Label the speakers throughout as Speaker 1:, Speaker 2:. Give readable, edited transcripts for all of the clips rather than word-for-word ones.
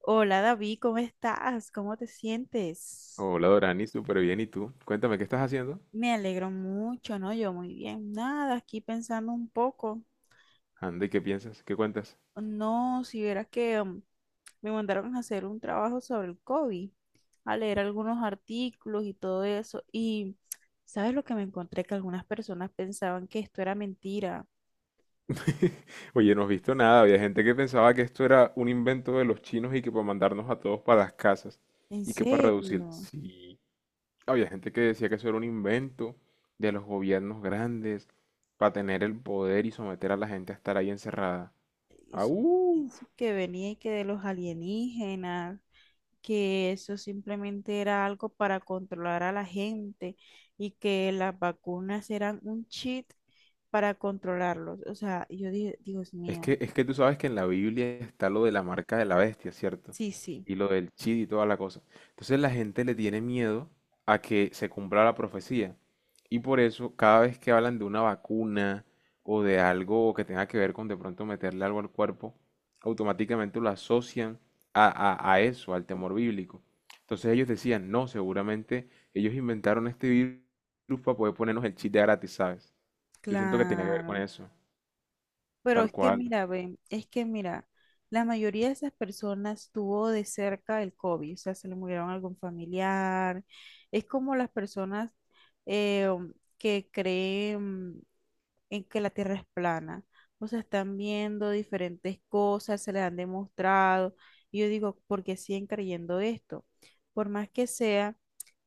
Speaker 1: Hola David, ¿cómo estás? ¿Cómo te sientes?
Speaker 2: Hola Dorani, súper bien. ¿Y tú? Cuéntame, ¿qué estás haciendo?
Speaker 1: Me alegro mucho, ¿no? Yo muy bien. Nada, aquí pensando un poco.
Speaker 2: Anda, ¿y qué piensas? ¿Qué cuentas?
Speaker 1: No, si vieras que me mandaron a hacer un trabajo sobre el COVID, a leer algunos artículos y todo eso. Y, ¿sabes lo que me encontré? Que algunas personas pensaban que esto era mentira.
Speaker 2: Oye, no has visto nada. Había gente que pensaba que esto era un invento de los chinos y que para mandarnos a todos para las casas
Speaker 1: ¿En
Speaker 2: y que para reducir.
Speaker 1: serio?
Speaker 2: Sí, había gente que decía que eso era un invento de los gobiernos grandes para tener el poder y someter a la gente a estar ahí encerrada.
Speaker 1: Eso,
Speaker 2: ¡Au!
Speaker 1: eso que venía y que de los alienígenas. Que eso simplemente era algo para controlar a la gente y que las vacunas eran un cheat para controlarlos. O sea, yo dije, Dios
Speaker 2: Es
Speaker 1: mío,
Speaker 2: que, es que tú sabes que en la Biblia está lo de la marca de la bestia, ¿cierto?
Speaker 1: sí, sí,
Speaker 2: Y lo del chid y toda la cosa. Entonces la gente le tiene miedo a que se cumpla la profecía. Y por eso cada vez que hablan de una vacuna o de algo que tenga que ver con de pronto meterle algo al cuerpo, automáticamente lo asocian a, a eso, al temor bíblico. Entonces ellos decían, no, seguramente ellos inventaron este virus para poder ponernos el chip de gratis, ¿sabes? Yo siento que tenía que ver con
Speaker 1: claro.
Speaker 2: eso,
Speaker 1: Pero
Speaker 2: tal
Speaker 1: es que
Speaker 2: cual.
Speaker 1: mira, ven, es que mira, la mayoría de esas personas tuvo de cerca el COVID, o sea, se le murieron algún familiar. Es como las personas eh, que creen en que la Tierra es plana. O sea, están viendo diferentes cosas, se les han demostrado. Y yo digo, ¿por qué siguen creyendo esto? Por más que sea,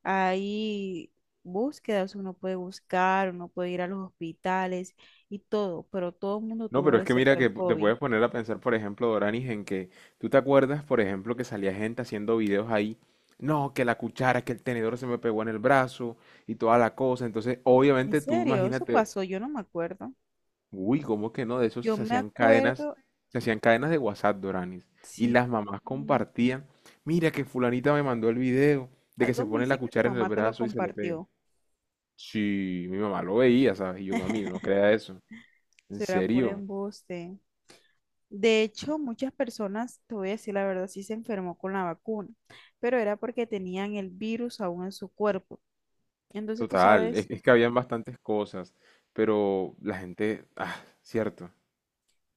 Speaker 1: hay búsquedas, uno puede buscar, uno puede ir a los hospitales y todo, pero todo el mundo
Speaker 2: No,
Speaker 1: tuvo
Speaker 2: pero es
Speaker 1: de
Speaker 2: que mira
Speaker 1: cerca el
Speaker 2: que te
Speaker 1: COVID.
Speaker 2: puedes poner a pensar, por ejemplo, Doranis, en que tú te acuerdas, por ejemplo, que salía gente haciendo videos ahí, no, que la cuchara, que el tenedor se me pegó en el brazo y toda la cosa. Entonces,
Speaker 1: ¿En
Speaker 2: obviamente tú
Speaker 1: serio? Eso
Speaker 2: imagínate,
Speaker 1: pasó, yo no me acuerdo.
Speaker 2: uy, ¿cómo que no? De eso
Speaker 1: Yo me acuerdo,
Speaker 2: se hacían cadenas de WhatsApp, Doranis. Y
Speaker 1: sí,
Speaker 2: las mamás
Speaker 1: mm,
Speaker 2: compartían, mira que fulanita me mandó el video de que
Speaker 1: algo
Speaker 2: se
Speaker 1: me
Speaker 2: pone
Speaker 1: dice
Speaker 2: la
Speaker 1: que tu
Speaker 2: cuchara en el
Speaker 1: mamá te lo
Speaker 2: brazo y se le pega.
Speaker 1: compartió.
Speaker 2: Sí, mi mamá lo veía, ¿sabes? Y yo, mami, no crea eso. ¿En
Speaker 1: Será por
Speaker 2: serio?
Speaker 1: embuste. De hecho, muchas personas, te voy a decir la verdad, sí se enfermó con la vacuna, pero era porque tenían el virus aún en su cuerpo. Entonces, tú
Speaker 2: Total,
Speaker 1: sabes.
Speaker 2: es que habían bastantes cosas, pero la gente, ah, cierto.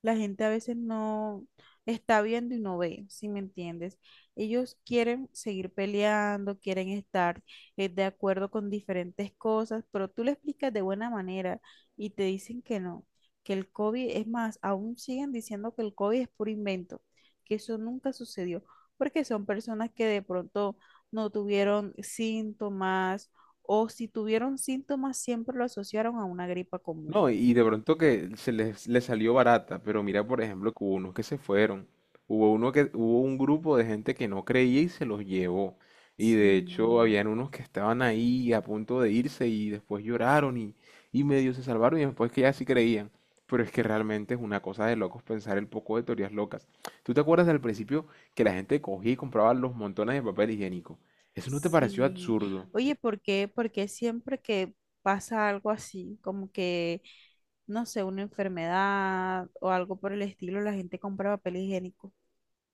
Speaker 1: La gente a veces no está viendo y no ve, si me entiendes. Ellos quieren seguir peleando, quieren estar de acuerdo con diferentes cosas, pero tú le explicas de buena manera y te dicen que no, que el COVID, es más, aún siguen diciendo que el COVID es puro invento, que eso nunca sucedió, porque son personas que de pronto no tuvieron síntomas o si tuvieron síntomas siempre lo asociaron a una gripa común.
Speaker 2: No, y de pronto que se les, les salió barata, pero mira, por ejemplo, que hubo unos que se fueron. Hubo uno que, hubo un grupo de gente que no creía y se los llevó. Y de hecho,
Speaker 1: Sí.
Speaker 2: habían unos que estaban ahí a punto de irse y después lloraron y medio se salvaron y después que ya sí creían. Pero es que realmente es una cosa de locos pensar el poco de teorías locas. ¿Tú te acuerdas al principio que la gente cogía y compraba los montones de papel higiénico? ¿Eso no te pareció
Speaker 1: Sí.
Speaker 2: absurdo?
Speaker 1: Oye, ¿por qué? Porque siempre que pasa algo así, como que, no sé, una enfermedad o algo por el estilo, la gente compra papel higiénico.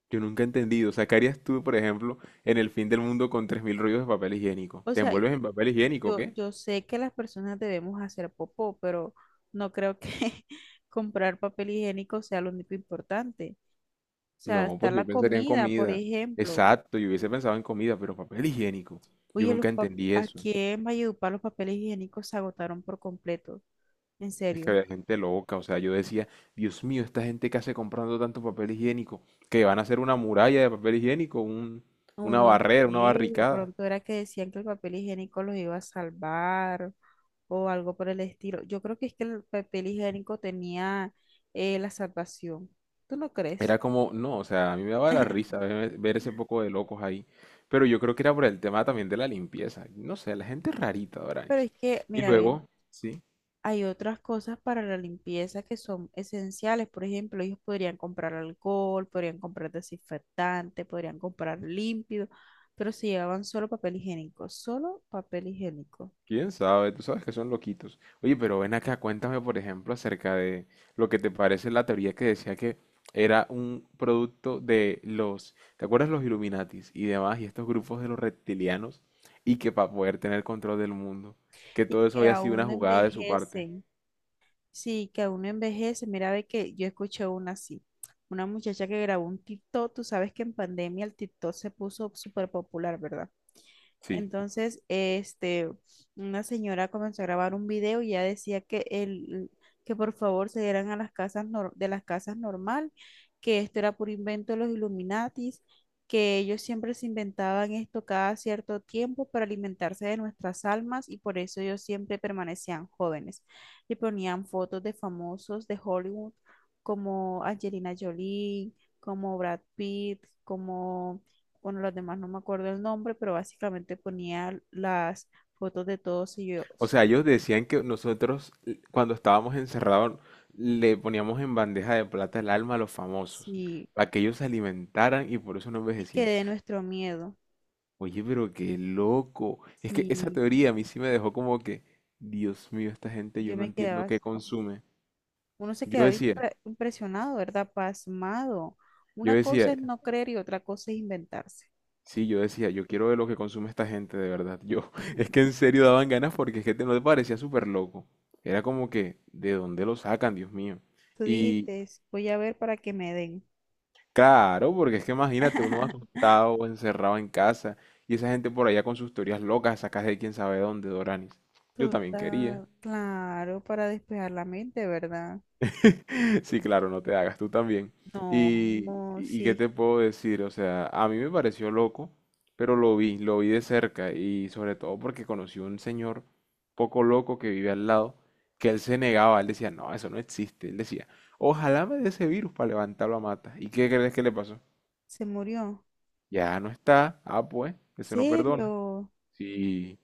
Speaker 2: Yo nunca he entendido. O sea, ¿qué harías tú, por ejemplo, en el fin del mundo con 3.000 rollos de papel higiénico?
Speaker 1: O
Speaker 2: ¿Te
Speaker 1: sea,
Speaker 2: envuelves en papel higiénico, o
Speaker 1: yo,
Speaker 2: qué?
Speaker 1: yo sé que las personas debemos hacer popó, pero no creo que comprar papel higiénico sea lo único importante. O sea,
Speaker 2: No,
Speaker 1: está
Speaker 2: pues yo
Speaker 1: la
Speaker 2: pensaría en
Speaker 1: comida, por
Speaker 2: comida.
Speaker 1: ejemplo.
Speaker 2: Exacto, yo hubiese pensado en comida, pero papel higiénico. Yo
Speaker 1: Oye, los
Speaker 2: nunca
Speaker 1: pap-
Speaker 2: entendí eso.
Speaker 1: aquí en Valledupar los papeles higiénicos se agotaron por completo. En
Speaker 2: Es que
Speaker 1: serio.
Speaker 2: había gente loca. O sea, yo decía, Dios mío, esta gente que hace comprando tanto papel higiénico, que van a hacer una muralla de papel higiénico,
Speaker 1: O
Speaker 2: una
Speaker 1: no
Speaker 2: barrera,
Speaker 1: sé,
Speaker 2: una
Speaker 1: de
Speaker 2: barricada.
Speaker 1: pronto era que decían que el papel higiénico los iba a salvar o algo por el estilo. Yo creo que es que el papel higiénico tenía la salvación. ¿Tú no
Speaker 2: Era
Speaker 1: crees?
Speaker 2: como, no, o sea, a mí me daba la risa ver ese poco de locos ahí. Pero yo creo que era por el tema también de la limpieza. No sé, la gente es rarita,
Speaker 1: Pero
Speaker 2: Doranis.
Speaker 1: es que,
Speaker 2: Y
Speaker 1: mira, bien,
Speaker 2: luego, sí,
Speaker 1: hay otras cosas para la limpieza que son esenciales. Por ejemplo, ellos podrían comprar alcohol, podrían comprar desinfectante, podrían comprar límpido, pero se llevaban solo papel higiénico, solo papel higiénico.
Speaker 2: quién sabe, tú sabes que son loquitos. Oye, pero ven acá, cuéntame, por ejemplo, acerca de lo que te parece la teoría que decía que era un producto de los, ¿te acuerdas los Illuminatis y demás, y estos grupos de los reptilianos? Y que para poder tener control del mundo, que
Speaker 1: Y
Speaker 2: todo eso
Speaker 1: que
Speaker 2: había sido
Speaker 1: aún
Speaker 2: una
Speaker 1: no
Speaker 2: jugada de su parte.
Speaker 1: envejecen. Sí, que uno envejece. Mira, ve que yo escuché una así. Una muchacha que grabó un TikTok, tú sabes que en pandemia el TikTok se puso súper popular, ¿verdad?
Speaker 2: Sí.
Speaker 1: Entonces, este, una señora comenzó a grabar un video y ya decía que el, que por favor se dieran a las casas nor- de las casas normal, que esto era por invento de los Illuminatis, que ellos siempre se inventaban esto cada cierto tiempo para alimentarse de nuestras almas y por eso ellos siempre permanecían jóvenes. Y ponían fotos de famosos de Hollywood como Angelina Jolie, como Brad Pitt, como bueno, las demás no me acuerdo el nombre, pero básicamente ponía las fotos de todos
Speaker 2: O
Speaker 1: ellos.
Speaker 2: sea,
Speaker 1: Y
Speaker 2: ellos decían que nosotros cuando estábamos encerrados le poníamos en bandeja de plata el alma a los famosos,
Speaker 1: sí,
Speaker 2: para que ellos se alimentaran y por eso no
Speaker 1: sí
Speaker 2: envejecían.
Speaker 1: quedé nuestro miedo.
Speaker 2: Oye, pero qué loco. Es que esa
Speaker 1: Sí,
Speaker 2: teoría a mí sí me dejó como que, Dios mío, esta gente yo
Speaker 1: yo
Speaker 2: no
Speaker 1: me
Speaker 2: entiendo
Speaker 1: quedaba,
Speaker 2: qué
Speaker 1: no,
Speaker 2: consume.
Speaker 1: uno se
Speaker 2: Yo
Speaker 1: quedaba
Speaker 2: decía,
Speaker 1: impre- impresionado, ¿verdad? Pasmado.
Speaker 2: yo
Speaker 1: Una cosa
Speaker 2: decía,
Speaker 1: es no creer y otra cosa es inventarse.
Speaker 2: sí, yo decía, yo quiero ver lo que consume esta gente de verdad. Yo, es que en serio daban ganas porque es que no te parecía súper loco. Era como que, ¿de dónde lo sacan, Dios mío?
Speaker 1: Tú
Speaker 2: Y
Speaker 1: dijiste, voy a ver para que me den.
Speaker 2: claro, porque es que imagínate, uno asustado o encerrado en casa y esa gente por allá con sus teorías locas sacas de quién sabe dónde, Doranis. Yo también quería.
Speaker 1: Total, claro, para despejar la mente, ¿verdad?
Speaker 2: Sí, claro, no te hagas, tú también.
Speaker 1: No, no,
Speaker 2: Y qué
Speaker 1: sí,
Speaker 2: te puedo decir, o sea, a mí me pareció loco, pero lo vi de cerca y sobre todo porque conocí un señor poco loco que vive al lado, que él se negaba, él decía, no, eso no existe, él decía, ojalá me dé ese virus para levantarlo a mata. ¿Y qué crees que le pasó?
Speaker 1: se murió.
Speaker 2: Ya no está. Ah, pues, eso no perdona.
Speaker 1: ¿Serio?
Speaker 2: Sí,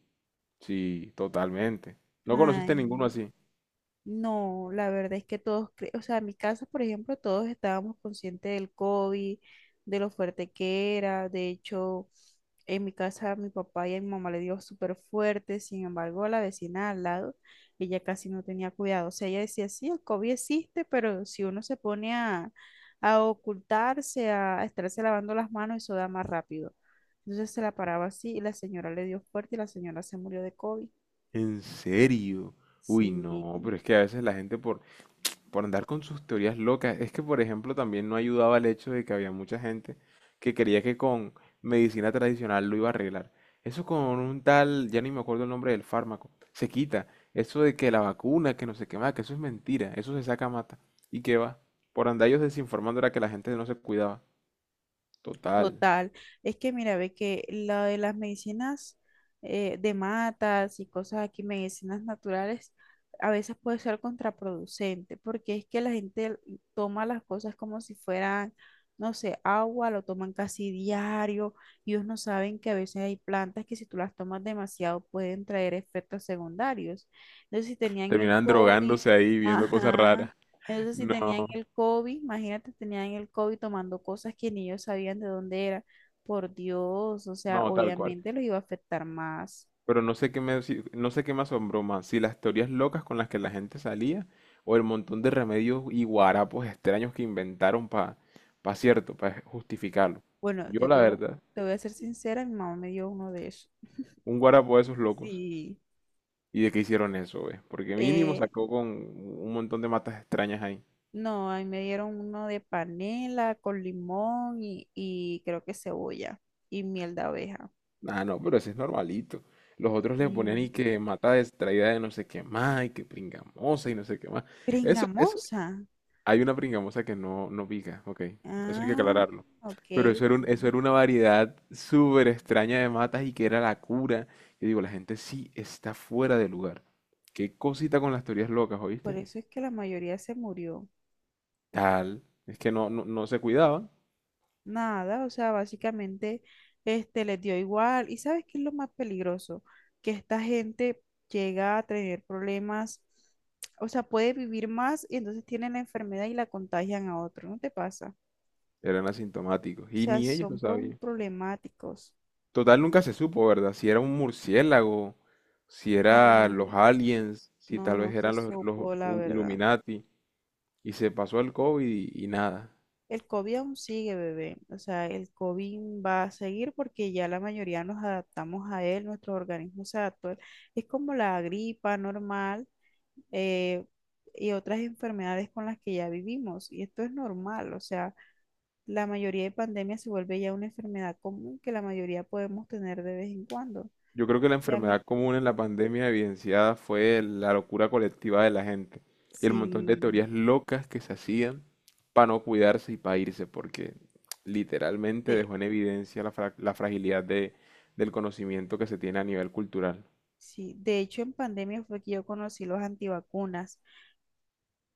Speaker 2: sí, totalmente. No conociste ninguno
Speaker 1: Ay,
Speaker 2: así.
Speaker 1: no, la verdad es que todos, cre- o sea, en mi casa, por ejemplo, todos estábamos conscientes del COVID, de lo fuerte que era. De hecho, en mi casa mi papá y a mi mamá le dio súper fuerte, sin embargo, a la vecina al lado, ella casi no tenía cuidado. O sea, ella decía, sí, el COVID existe, pero si uno se pone a ocultarse, a estarse lavando las manos, eso da más rápido. Entonces se la paraba así y la señora le dio fuerte y la señora se murió de COVID.
Speaker 2: ¿En serio? Uy,
Speaker 1: Sí.
Speaker 2: no, pero es que a veces la gente por andar con sus teorías locas, es que por ejemplo también no ayudaba el hecho de que había mucha gente que creía que con medicina tradicional lo iba a arreglar. Eso con un tal, ya ni me acuerdo el nombre del fármaco, se quita. Eso de que la vacuna, que no sé qué más, que eso es mentira, eso se saca mata. ¿Y qué va? Por andar ellos desinformando era que la gente no se cuidaba. Total.
Speaker 1: Total, es que mira, ve que lo de las medicinas de matas y cosas aquí, medicinas naturales, a veces puede ser contraproducente, porque es que la gente toma las cosas como si fueran, no sé, agua, lo toman casi diario, y ellos no saben que a veces hay plantas que si tú las tomas demasiado pueden traer efectos secundarios. Entonces, si tenían el
Speaker 2: Terminan
Speaker 1: COVID,
Speaker 2: drogándose ahí, viendo cosas
Speaker 1: ajá,
Speaker 2: raras.
Speaker 1: entonces, si tenían
Speaker 2: No,
Speaker 1: el COVID, imagínate, tenían el COVID tomando cosas que ni ellos sabían de dónde era. Por Dios, o sea,
Speaker 2: no, tal cual.
Speaker 1: obviamente los iba a afectar más.
Speaker 2: Pero no sé qué me, no sé qué me asombró más, si las teorías locas con las que la gente salía o el montón de remedios y guarapos extraños que inventaron para, pa pa cierto, para justificarlo.
Speaker 1: Bueno,
Speaker 2: Yo,
Speaker 1: yo
Speaker 2: la verdad,
Speaker 1: te voy a ser sincera, mi mamá me dio uno de esos.
Speaker 2: un guarapo de esos locos.
Speaker 1: Sí.
Speaker 2: ¿Y de qué hicieron eso, ve? Porque mínimo
Speaker 1: Eh,
Speaker 2: sacó con un montón de matas extrañas ahí.
Speaker 1: no, a mí me dieron uno de panela con limón y creo que cebolla y miel de abeja.
Speaker 2: Ah, no, pero ese es normalito. Los otros le ponían
Speaker 1: Y
Speaker 2: y que mata distraída de no sé qué más, y que pringamosa y no sé qué más. Eso, eso,
Speaker 1: pringamosa.
Speaker 2: hay una pringamosa que no, no pica, ok. Eso hay que
Speaker 1: Ah,
Speaker 2: aclararlo.
Speaker 1: ok.
Speaker 2: Pero eso era eso era una variedad súper extraña de matas y que era la cura. Yo digo, la gente sí está fuera de lugar. Qué cosita con las teorías locas,
Speaker 1: Por
Speaker 2: ¿oíste?
Speaker 1: eso es que la mayoría se murió.
Speaker 2: Tal. Es que no, no, no se cuidaban,
Speaker 1: Nada, o sea, básicamente este les dio igual. ¿Y sabes qué es lo más peligroso? Que esta gente llega a tener problemas, o sea, puede vivir más y entonces tienen la enfermedad y la contagian a otro, ¿no te pasa?
Speaker 2: eran asintomáticos.
Speaker 1: O
Speaker 2: Y
Speaker 1: sea,
Speaker 2: ni ellos lo
Speaker 1: son pro-
Speaker 2: sabían.
Speaker 1: problemáticos.
Speaker 2: Total, nunca se supo, ¿verdad? Si era un murciélago, si
Speaker 1: No,
Speaker 2: era los aliens, si
Speaker 1: no,
Speaker 2: tal vez
Speaker 1: no se
Speaker 2: eran los, los
Speaker 1: supo, la
Speaker 2: um,
Speaker 1: verdad.
Speaker 2: Illuminati. Y se pasó el COVID y nada.
Speaker 1: El COVID aún sigue, bebé. O sea, el COVID va a seguir porque ya la mayoría nos adaptamos a él, nuestro organismo se adaptó a él. Es como la gripa normal eh, y otras enfermedades con las que ya vivimos. Y esto es normal, o sea, la mayoría de pandemias se vuelve ya una enfermedad común que la mayoría podemos tener de vez en cuando.
Speaker 2: Yo creo que la enfermedad
Speaker 1: Obviamente,
Speaker 2: común en la pandemia evidenciada fue la locura colectiva de la gente y el montón de
Speaker 1: sí,
Speaker 2: teorías locas que se hacían para no cuidarse y para irse, porque literalmente
Speaker 1: de,
Speaker 2: dejó en evidencia la, la fragilidad del conocimiento que se tiene a nivel cultural.
Speaker 1: sí, de hecho en pandemia fue que yo conocí los antivacunas.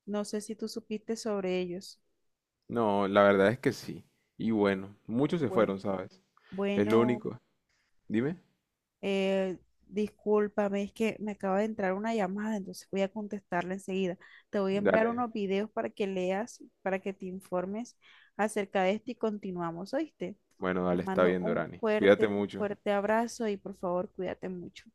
Speaker 1: No sé si tú supiste sobre ellos.
Speaker 2: No, la verdad es que sí. Y bueno, muchos se fueron,
Speaker 1: Bueno,
Speaker 2: ¿sabes? Es lo
Speaker 1: bueno.
Speaker 2: único. Dime.
Speaker 1: Eh, Discúlpame, es que me acaba de entrar una llamada, entonces voy a contestarla enseguida. Te voy a enviar
Speaker 2: Dale.
Speaker 1: unos videos para que leas, para que te informes acerca de esto y continuamos, ¿oíste?
Speaker 2: Bueno,
Speaker 1: Te
Speaker 2: dale, está
Speaker 1: mando
Speaker 2: bien, Dorani. Cuídate
Speaker 1: un
Speaker 2: mucho.
Speaker 1: fuerte abrazo y por favor, cuídate mucho.